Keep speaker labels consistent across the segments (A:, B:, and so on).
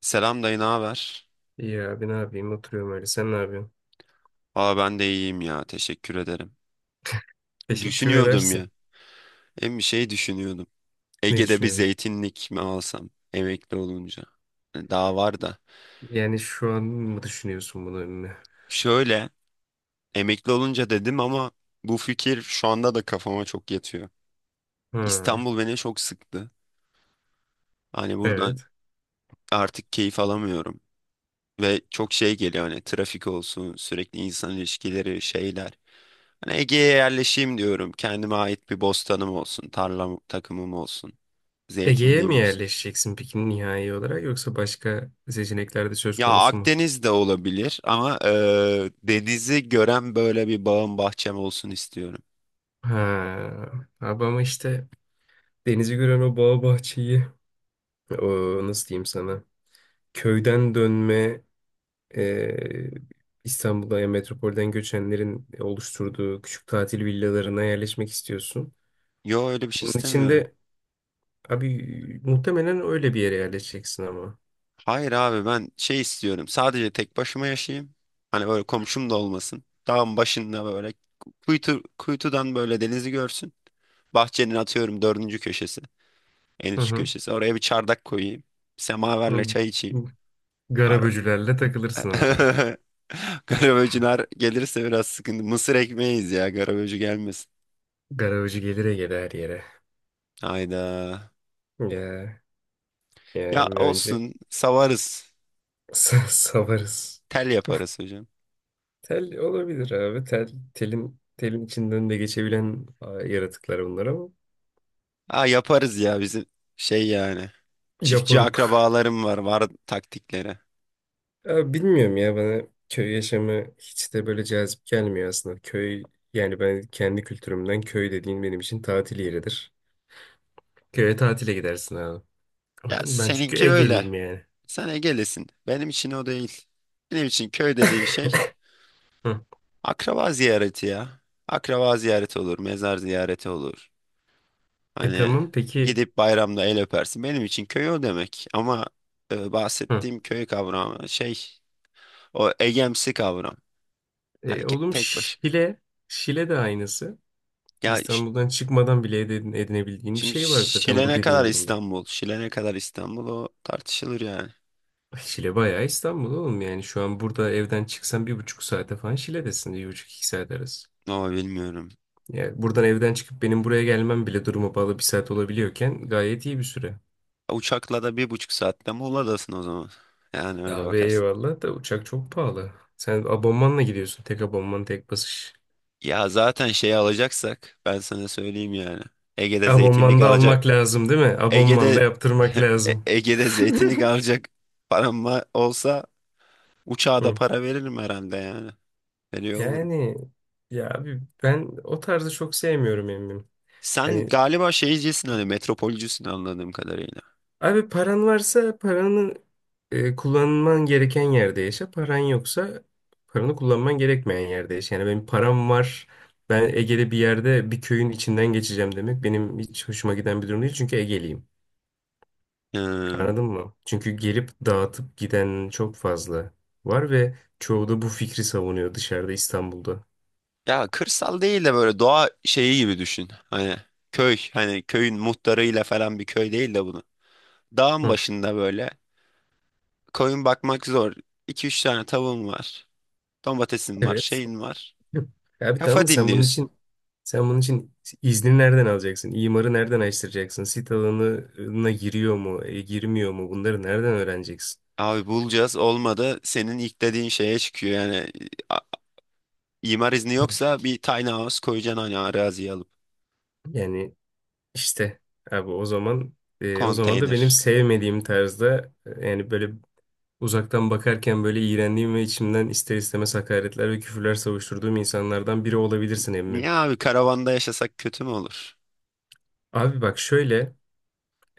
A: Selam dayı, ne haber?
B: İyi abi ne yapayım oturuyorum öyle. Sen ne yapıyorsun?
A: Aa ben de iyiyim ya, teşekkür ederim.
B: Teşekkür
A: Düşünüyordum
B: edersin.
A: ya, hem bir şey düşünüyordum.
B: Ne
A: Ege'de bir
B: düşünüyorsun?
A: zeytinlik mi alsam emekli olunca? Daha var da.
B: Yani şu an mı düşünüyorsun bunu önüne?
A: Şöyle, emekli olunca dedim ama bu fikir şu anda da kafama çok yatıyor.
B: Ha,
A: İstanbul beni çok sıktı. Hani buradan
B: evet.
A: artık keyif alamıyorum. Ve çok şey geliyor hani trafik olsun, sürekli insan ilişkileri, şeyler. Hani Ege'ye yerleşeyim diyorum. Kendime ait bir bostanım olsun, tarlam takımım olsun.
B: Ege'ye
A: Zeytinliği
B: mi
A: olsun?
B: yerleşeceksin peki nihai olarak yoksa başka seçenekler de söz
A: Ya
B: konusu mu?
A: Akdeniz de olabilir ama denizi gören böyle bir bağım bahçem olsun istiyorum.
B: Ha, abi ama işte denizi gören o bağ bahçeyi o nasıl diyeyim sana köyden dönme e, İstanbul'a ya metropolden göçenlerin oluşturduğu küçük tatil villalarına yerleşmek istiyorsun.
A: Yo öyle bir şey
B: Bunun için
A: istemiyorum.
B: de abi muhtemelen öyle bir yere yerleşeceksin ama.
A: Hayır abi ben şey istiyorum. Sadece tek başıma yaşayayım. Hani böyle komşum da olmasın. Dağın başında böyle kuytudan böyle denizi görsün. Bahçenin atıyorum dördüncü köşesi. En
B: Hı
A: üst
B: hı.
A: köşesi. Oraya bir çardak koyayım. Semaverle
B: Hı.
A: çay içeyim. Ara-
B: Garaböcülerle takılırsın orada.
A: Garaböcüler gelirse biraz sıkıntı. Mısır ekmeğiyiz ya. Garaböcü gelmesin.
B: Garaböcü gelire gele her yere.
A: Hayda.
B: Ya,
A: Ya
B: yani önce
A: olsun savarız.
B: savarız.
A: Tel yaparız hocam.
B: Tel olabilir abi. Tel, telin içinden de geçebilen yaratıklar bunlar ama.
A: Aa yaparız ya bizim şey yani. Çiftçi
B: Yaporuk.
A: akrabalarım var, var taktikleri.
B: Abi bilmiyorum ya bana köy yaşamı hiç de böyle cazip gelmiyor aslında. Köy yani ben kendi kültürümden köy dediğin benim için tatil yeridir. Köye tatile gidersin abi.
A: Ya
B: Aynen, ben çünkü
A: seninki öyle.
B: Ege'liyim yani.
A: Sen Ege'lisin. Benim için o değil. Benim için köy dediğin şey
B: Hı.
A: akraba ziyareti ya. Akraba ziyareti olur, mezar ziyareti olur.
B: E
A: Hani
B: tamam peki.
A: gidip bayramda el öpersin. Benim için köy o demek. Ama
B: Hı.
A: bahsettiğim köy kavramı şey o egemsi kavram. Hani
B: E, oğlum
A: tek başım.
B: Şile. Şile de aynısı.
A: Ya
B: İstanbul'dan çıkmadan bile edinebildiğin bir
A: şimdi
B: şey var zaten
A: Şile
B: bu
A: ne kadar
B: dediğin durumda.
A: İstanbul? Şile ne kadar İstanbul o tartışılır yani.
B: Şile bayağı İstanbul oğlum yani. Şu an burada evden çıksan bir buçuk saate falan Şile'desin. Bir buçuk iki saat arası.
A: Ama bilmiyorum.
B: Yani buradan evden çıkıp benim buraya gelmem bile duruma bağlı bir saat olabiliyorken gayet iyi bir süre.
A: Uçakla da 1,5 saatte Muğla'dasın o zaman. Yani öyle
B: Abi
A: bakarsın.
B: eyvallah da uçak çok pahalı. Sen abonmanla gidiyorsun. Tek abonman tek basış.
A: Ya zaten şey alacaksak ben sana söyleyeyim yani. Ege'de zeytinlik
B: Abonmanda
A: alacak.
B: almak lazım değil mi? Abonmanda
A: Ege'de
B: yaptırmak
A: E-
B: lazım.
A: Ege'de zeytinlik alacak param olsa uçağa da
B: Hı.
A: para veririm herhalde yani. Veriyor olurum.
B: Yani ya abi ben o tarzı çok sevmiyorum emmim.
A: Sen
B: Hani
A: galiba şeycisin hani metropolcüsün anladığım kadarıyla.
B: abi paran varsa paranı kullanman gereken yerde yaşa. Paran yoksa paranı kullanman gerekmeyen yerde yaşa. Yani benim param var. Ben Ege'de bir yerde bir köyün içinden geçeceğim demek benim hiç hoşuma giden bir durum değil. Çünkü Ege'liyim.
A: Hmm.
B: Anladın mı? Çünkü gelip dağıtıp giden çok fazla var ve çoğu da bu fikri savunuyor dışarıda İstanbul'da.
A: Ya kırsal değil de böyle doğa şeyi gibi düşün. Hani köy hani köyün muhtarıyla falan bir köy değil de bunu. Dağın
B: Hı.
A: başında böyle koyun bakmak zor. İki üç tane tavuğun var. Domatesin var,
B: Evet.
A: şeyin var.
B: Hı. Abi tamam
A: Kafa
B: sen bunun
A: dinliyorsun.
B: için sen bunun için izni nereden alacaksın? İmarı nereden açtıracaksın? Sit alanına giriyor mu, girmiyor mu? Bunları nereden öğreneceksin?
A: Abi bulacağız, olmadı senin ilk dediğin şeye çıkıyor yani. İmar izni
B: Hı.
A: yoksa bir tiny house koyacaksın hani araziyi alıp.
B: Yani işte abi o zaman da benim
A: Konteyner.
B: sevmediğim tarzda yani böyle uzaktan bakarken böyle iğrendiğim ve içimden ister istemez hakaretler ve küfürler savuşturduğum insanlardan biri olabilirsin emmim.
A: Niye abi karavanda yaşasak kötü mü olur?
B: Abi bak şöyle,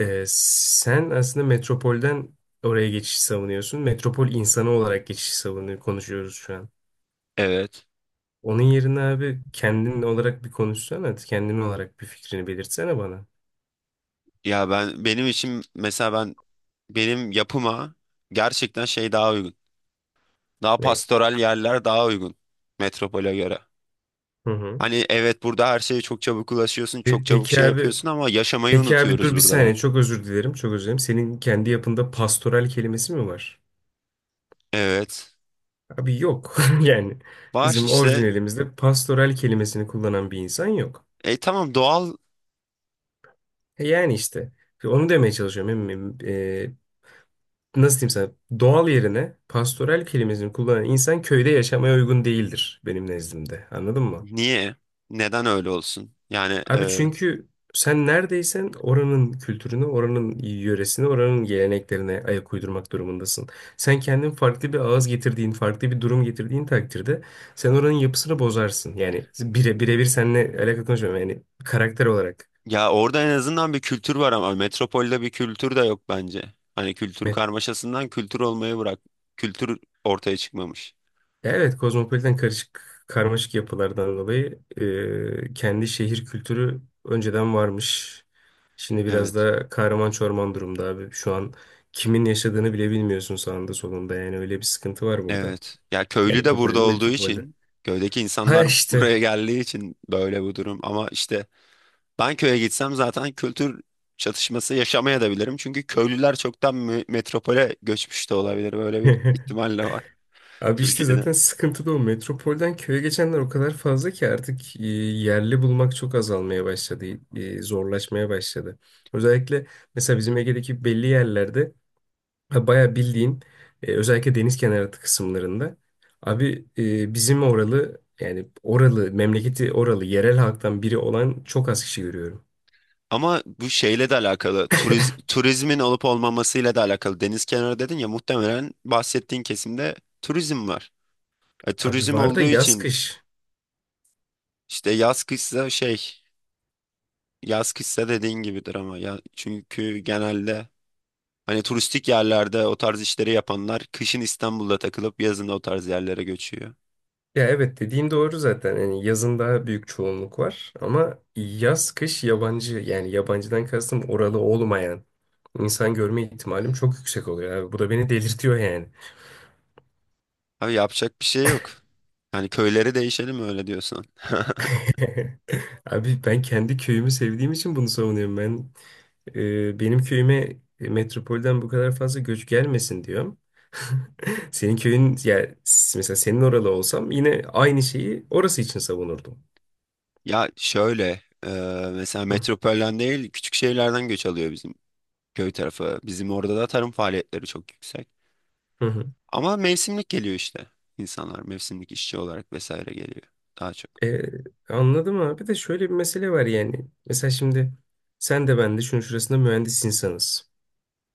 B: sen aslında metropolden oraya geçişi savunuyorsun. Metropol insanı olarak geçişi savunuyor, konuşuyoruz şu an.
A: Evet.
B: Onun yerine abi kendin olarak bir konuşsana, kendin olarak bir fikrini belirtsene bana.
A: Ya ben, benim için mesela ben benim yapıma gerçekten şey daha uygun. Daha
B: Ne?
A: pastoral yerler daha uygun metropole göre.
B: Hı hı.
A: Hani evet, burada her şeye çok çabuk ulaşıyorsun,
B: Pe-
A: çok çabuk
B: peki
A: şey
B: abi,
A: yapıyorsun ama yaşamayı
B: peki abi,
A: unutuyoruz
B: dur bir
A: burada
B: saniye
A: da.
B: çok özür dilerim, çok özür dilerim. Senin kendi yapında pastoral kelimesi mi var?
A: Evet.
B: Abi yok. Yani
A: Var
B: bizim
A: işte.
B: orijinalimizde pastoral kelimesini kullanan bir insan yok.
A: Tamam, doğal.
B: E yani işte onu demeye çalışıyorum. Nasıl diyeyim sana? Doğal yerine pastoral kelimesini kullanan insan köyde yaşamaya uygun değildir benim nezdimde. Anladın mı?
A: Niye? Neden öyle olsun? Yani
B: Abi çünkü sen neredeysen oranın kültürünü, oranın yöresini, oranın geleneklerine ayak uydurmak durumundasın. Sen kendin farklı bir ağız getirdiğin, farklı bir durum getirdiğin takdirde sen oranın yapısını bozarsın. Yani birebir seninle alakalı konuşmuyorum. Yani karakter olarak.
A: ya orada en azından bir kültür var ama metropolde bir kültür de yok bence. Hani kültür karmaşasından kültür olmayı bırak. Kültür ortaya çıkmamış.
B: Evet, kozmopolitan karışık karmaşık yapılardan dolayı kendi şehir kültürü önceden varmış. Şimdi biraz
A: Evet.
B: da kahraman çorman durumda abi. Şu an kimin yaşadığını bile bilmiyorsun sağında solunda. Yani öyle bir sıkıntı var burada.
A: Evet. Ya köylü
B: Yani
A: de
B: burada
A: burada
B: değil,
A: olduğu
B: metropolde.
A: için, köydeki
B: Ha
A: insanlar
B: işte.
A: buraya geldiği için böyle bu durum. Ama işte ben köye gitsem zaten kültür çatışması yaşamaya da bilirim. Çünkü köylüler çoktan metropole göçmüş de olabilir. Böyle bir ihtimal de var.
B: Abi işte zaten
A: Türkiye'de.
B: sıkıntı da o. Metropolden köye geçenler o kadar fazla ki artık yerli bulmak çok azalmaya başladı. Zorlaşmaya başladı. Özellikle mesela bizim Ege'deki belli yerlerde Ha, bayağı bildiğin özellikle deniz kenarı kısımlarında abi bizim oralı yani oralı memleketi oralı yerel halktan biri olan çok az kişi görüyorum.
A: Ama bu şeyle de alakalı, turizmin olup olmamasıyla da alakalı. Deniz kenarı dedin ya, muhtemelen bahsettiğin kesimde turizm var.
B: Abi
A: Turizm
B: var da
A: olduğu
B: yaz
A: için
B: kış.
A: işte yaz kışsa dediğin gibidir ama ya çünkü genelde hani turistik yerlerde o tarz işleri yapanlar kışın İstanbul'da takılıp yazın o tarz yerlere göçüyor.
B: Ya evet dediğin doğru zaten. Yani yazın daha büyük çoğunluk var ama yaz kış yabancı yani yabancıdan kastım oralı olmayan insan görme ihtimalim çok yüksek oluyor abi. Bu da beni delirtiyor yani.
A: Abi yapacak bir şey yok. Hani köyleri değişelim öyle diyorsan.
B: Abi ben kendi köyümü sevdiğim için bunu savunuyorum ben. Benim köyüme metropolden bu kadar fazla göç gelmesin diyorum. Senin köyün yani mesela senin oralı olsam yine aynı şeyi orası için savunurdum.
A: Ya şöyle, mesela
B: Hı
A: metropolden değil küçük şehirlerden göç alıyor bizim köy tarafı. Bizim orada da tarım faaliyetleri çok yüksek.
B: hı. Hı.
A: Ama mevsimlik geliyor işte. İnsanlar mevsimlik işçi olarak vesaire geliyor daha çok.
B: Ee, Anladım abi de şöyle bir mesele var yani. Mesela şimdi sen de ben de şunun şurasında mühendis insanız.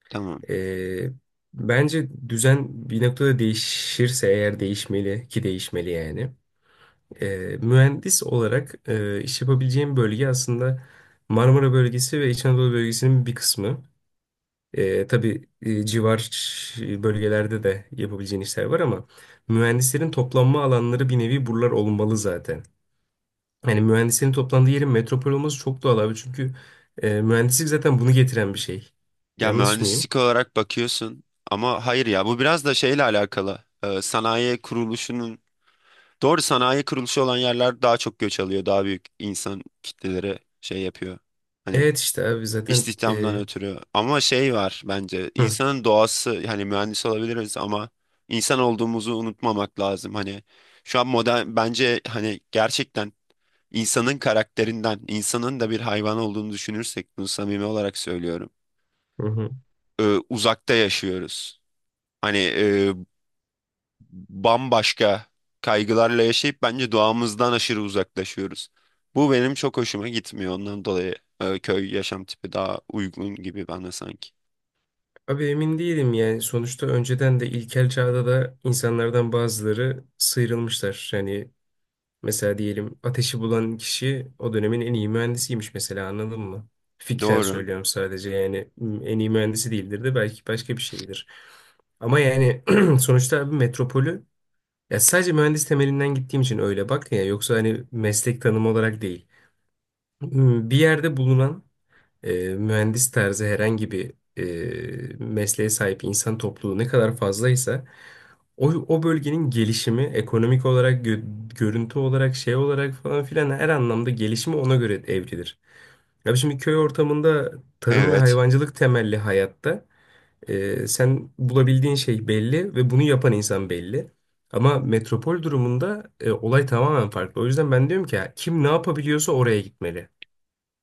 A: Tamam.
B: Ee, Bence düzen bir noktada değişirse eğer değişmeli ki değişmeli yani. E, mühendis olarak iş yapabileceğim bölge aslında Marmara bölgesi ve İç Anadolu bölgesinin bir kısmı. E, tabii civar bölgelerde de yapabileceğin işler var ama mühendislerin toplanma alanları bir nevi buralar olmalı zaten. Yani mühendislerin toplandığı yerin metropol olması çok doğal abi çünkü mühendislik zaten bunu getiren bir şey.
A: Ya
B: Yanlış mıyım?
A: mühendislik olarak bakıyorsun ama hayır ya, bu biraz da şeyle alakalı. Sanayi kuruluşunun doğru sanayi kuruluşu olan yerler daha çok göç alıyor. Daha büyük insan kitleleri şey yapıyor. Hani
B: Evet işte abi zaten
A: İstihdamdan ötürü. Ama şey var bence,
B: hı,
A: insanın doğası hani mühendis olabiliriz ama insan olduğumuzu unutmamak lazım. Hani şu an modern, bence hani gerçekten insanın karakterinden insanın da bir hayvan olduğunu düşünürsek, bunu samimi olarak söylüyorum,
B: hı hı.
A: e, uzakta yaşıyoruz. Hani bambaşka kaygılarla yaşayıp bence doğamızdan aşırı uzaklaşıyoruz. Bu benim çok hoşuma gitmiyor. Ondan dolayı köy yaşam tipi daha uygun gibi bana sanki.
B: Abi emin değilim yani sonuçta önceden de ilkel çağda da insanlardan bazıları sıyrılmışlar. Yani mesela diyelim ateşi bulan kişi o dönemin en iyi mühendisiymiş mesela anladın mı? Fikren
A: Doğru.
B: söylüyorum sadece yani en iyi mühendisi değildir de belki başka bir şeydir. Ama yani sonuçta abi metropolü ya sadece mühendis temelinden gittiğim için öyle bak ya yoksa hani meslek tanımı olarak değil. Bir yerde bulunan mühendis tarzı herhangi bir mesleğe sahip insan topluluğu ne kadar fazlaysa o bölgenin gelişimi ekonomik olarak, görüntü olarak, şey olarak falan filan her anlamda gelişimi ona göre evrilir. Abi şimdi köy ortamında tarım ve
A: Evet.
B: hayvancılık temelli hayatta sen bulabildiğin şey belli ve bunu yapan insan belli. Ama metropol durumunda olay tamamen farklı. O yüzden ben diyorum ki ya, kim ne yapabiliyorsa oraya gitmeli.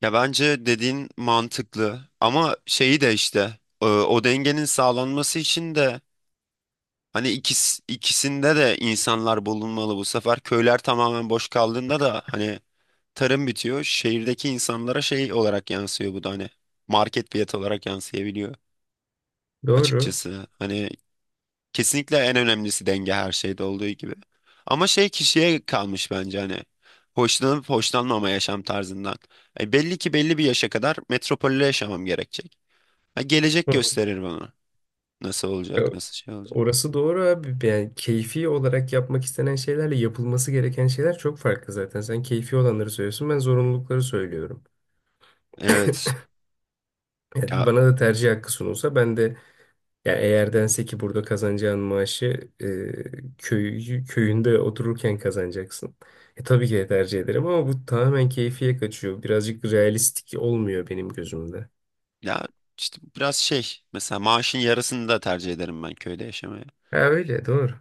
A: Ya bence dediğin mantıklı ama şeyi de işte o dengenin sağlanması için de hani ikisinde de insanlar bulunmalı bu sefer. Köyler tamamen boş kaldığında da hani tarım bitiyor. Şehirdeki insanlara şey olarak yansıyor bu da, hani market fiyatı olarak yansıyabiliyor
B: Doğru.
A: açıkçası. Hani kesinlikle en önemlisi denge, her şeyde olduğu gibi. Ama şey kişiye kalmış bence hani. Hoşlanıp hoşlanmama yaşam tarzından. Belli ki belli bir yaşa kadar metropolde yaşamam gerekecek. Ha, gelecek
B: Hı.
A: gösterir bana. Nasıl olacak, nasıl şey olacak.
B: Orası doğru abi. Yani keyfi olarak yapmak istenen şeylerle yapılması gereken şeyler çok farklı zaten. Sen keyfi olanları söylüyorsun, ben zorunlulukları söylüyorum.
A: Evet.
B: Yani
A: Ya,
B: bana da tercih hakkı sunulsa ben de yani eğer dense ki burada kazanacağın maaşı köyünde otururken kazanacaksın. E, tabii ki de tercih ederim ama bu tamamen keyfiye kaçıyor. Birazcık realistik olmuyor benim gözümde.
A: ya işte biraz şey. Mesela maaşın yarısını da tercih ederim ben köyde yaşamaya.
B: Ha öyle doğru.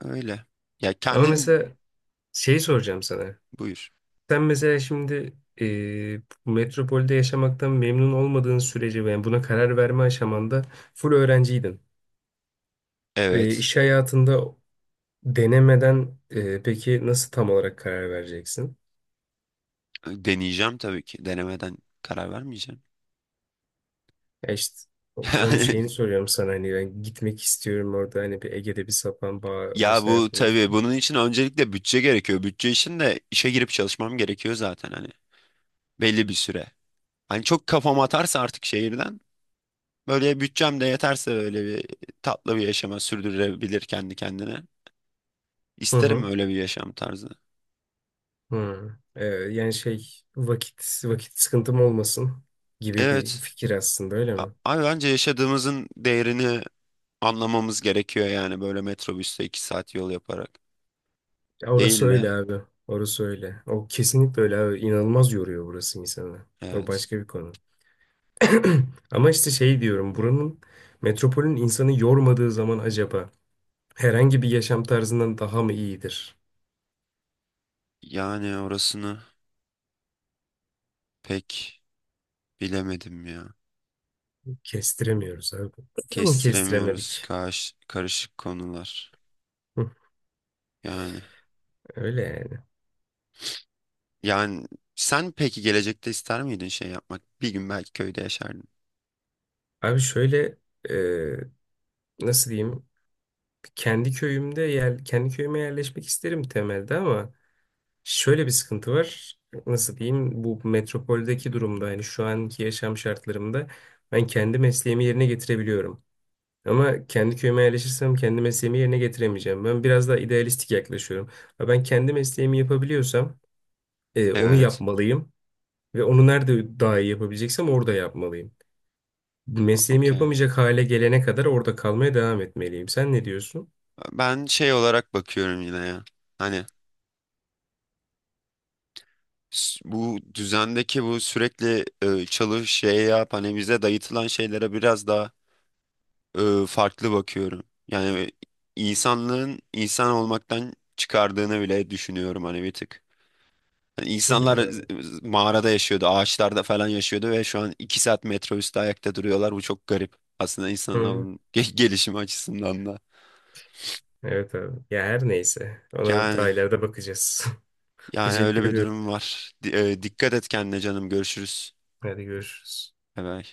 A: Öyle. Ya
B: Ama
A: kendin
B: mesela şeyi soracağım sana.
A: buyur.
B: Sen mesela şimdi metropolde yaşamaktan memnun olmadığın sürece yani buna karar verme aşamanda full öğrenciydin. Ve
A: Evet.
B: iş hayatında denemeden peki nasıl tam olarak karar vereceksin?
A: Deneyeceğim tabii ki. Denemeden karar vermeyeceğim.
B: Ya işte o- şeyini soruyorum sana hani ben gitmek istiyorum orada hani bir Ege'de bir sapan bağ
A: Ya
B: vesaire
A: bu
B: konusu.
A: tabii, bunun için öncelikle bütçe gerekiyor. Bütçe için de işe girip çalışmam gerekiyor zaten hani belli bir süre. Hani çok kafam atarsa artık şehirden, böyle bütçem de yeterse böyle bir tatlı bir yaşama sürdürebilir kendi kendine.
B: Hı
A: İsterim
B: hı.
A: öyle bir yaşam tarzı.
B: Hı. Yani şey vakit vakit sıkıntım olmasın gibi bir
A: Evet.
B: fikir aslında öyle mi?
A: Abi bence yaşadığımızın değerini anlamamız gerekiyor yani, böyle metrobüste 2 saat yol yaparak.
B: Ya orası
A: Değil de,
B: öyle abi. Orası öyle. O kesinlikle öyle abi. İnanılmaz yoruyor burası insanı. O
A: evet.
B: başka bir konu. Ama işte şey diyorum. Buranın metropolün insanı yormadığı zaman acaba herhangi bir yaşam tarzından daha mı iyidir?
A: Yani orasını pek bilemedim ya.
B: Kestiremiyoruz abi.
A: Kestiremiyoruz,
B: Kestiremedik.
A: karışık konular.
B: Hı,
A: Yani
B: öyle yani.
A: yani sen peki gelecekte ister miydin şey yapmak? Bir gün belki köyde yaşardın.
B: Abi şöyle e, nasıl diyeyim? Kendi köyüme yerleşmek isterim temelde ama şöyle bir sıkıntı var. Nasıl diyeyim? Bu metropoldeki durumda yani şu anki yaşam şartlarımda ben kendi mesleğimi yerine getirebiliyorum. Ama kendi köyüme yerleşirsem kendi mesleğimi yerine getiremeyeceğim. Ben biraz daha idealistik yaklaşıyorum. Ha, ben kendi mesleğimi yapabiliyorsam onu
A: Evet,
B: yapmalıyım. Ve onu nerede daha iyi yapabileceksem orada yapmalıyım. Mesleğimi
A: okey.
B: yapamayacak hale gelene kadar orada kalmaya devam etmeliyim. Sen ne diyorsun?
A: Ben şey olarak bakıyorum yine ya. Hani bu düzendeki bu sürekli çalış şey yap, hani bize dayatılan şeylere biraz daha farklı bakıyorum. Yani insanlığın insan olmaktan çıkardığını bile düşünüyorum hani, bir tık. Yani İnsanlar
B: Olabilir abi.
A: mağarada yaşıyordu, ağaçlarda falan yaşıyordu ve şu an 2 saat metro üstü ayakta duruyorlar. Bu çok garip. Aslında
B: Hı,
A: insanın gelişimi açısından da.
B: evet abi. Ya her neyse. Ona
A: Yani
B: daha ileride bakacağız.
A: yani öyle
B: Teşekkür
A: bir
B: ediyorum.
A: durum var. Dikkat et kendine canım. Görüşürüz.
B: Hadi görüşürüz.
A: Bay bay.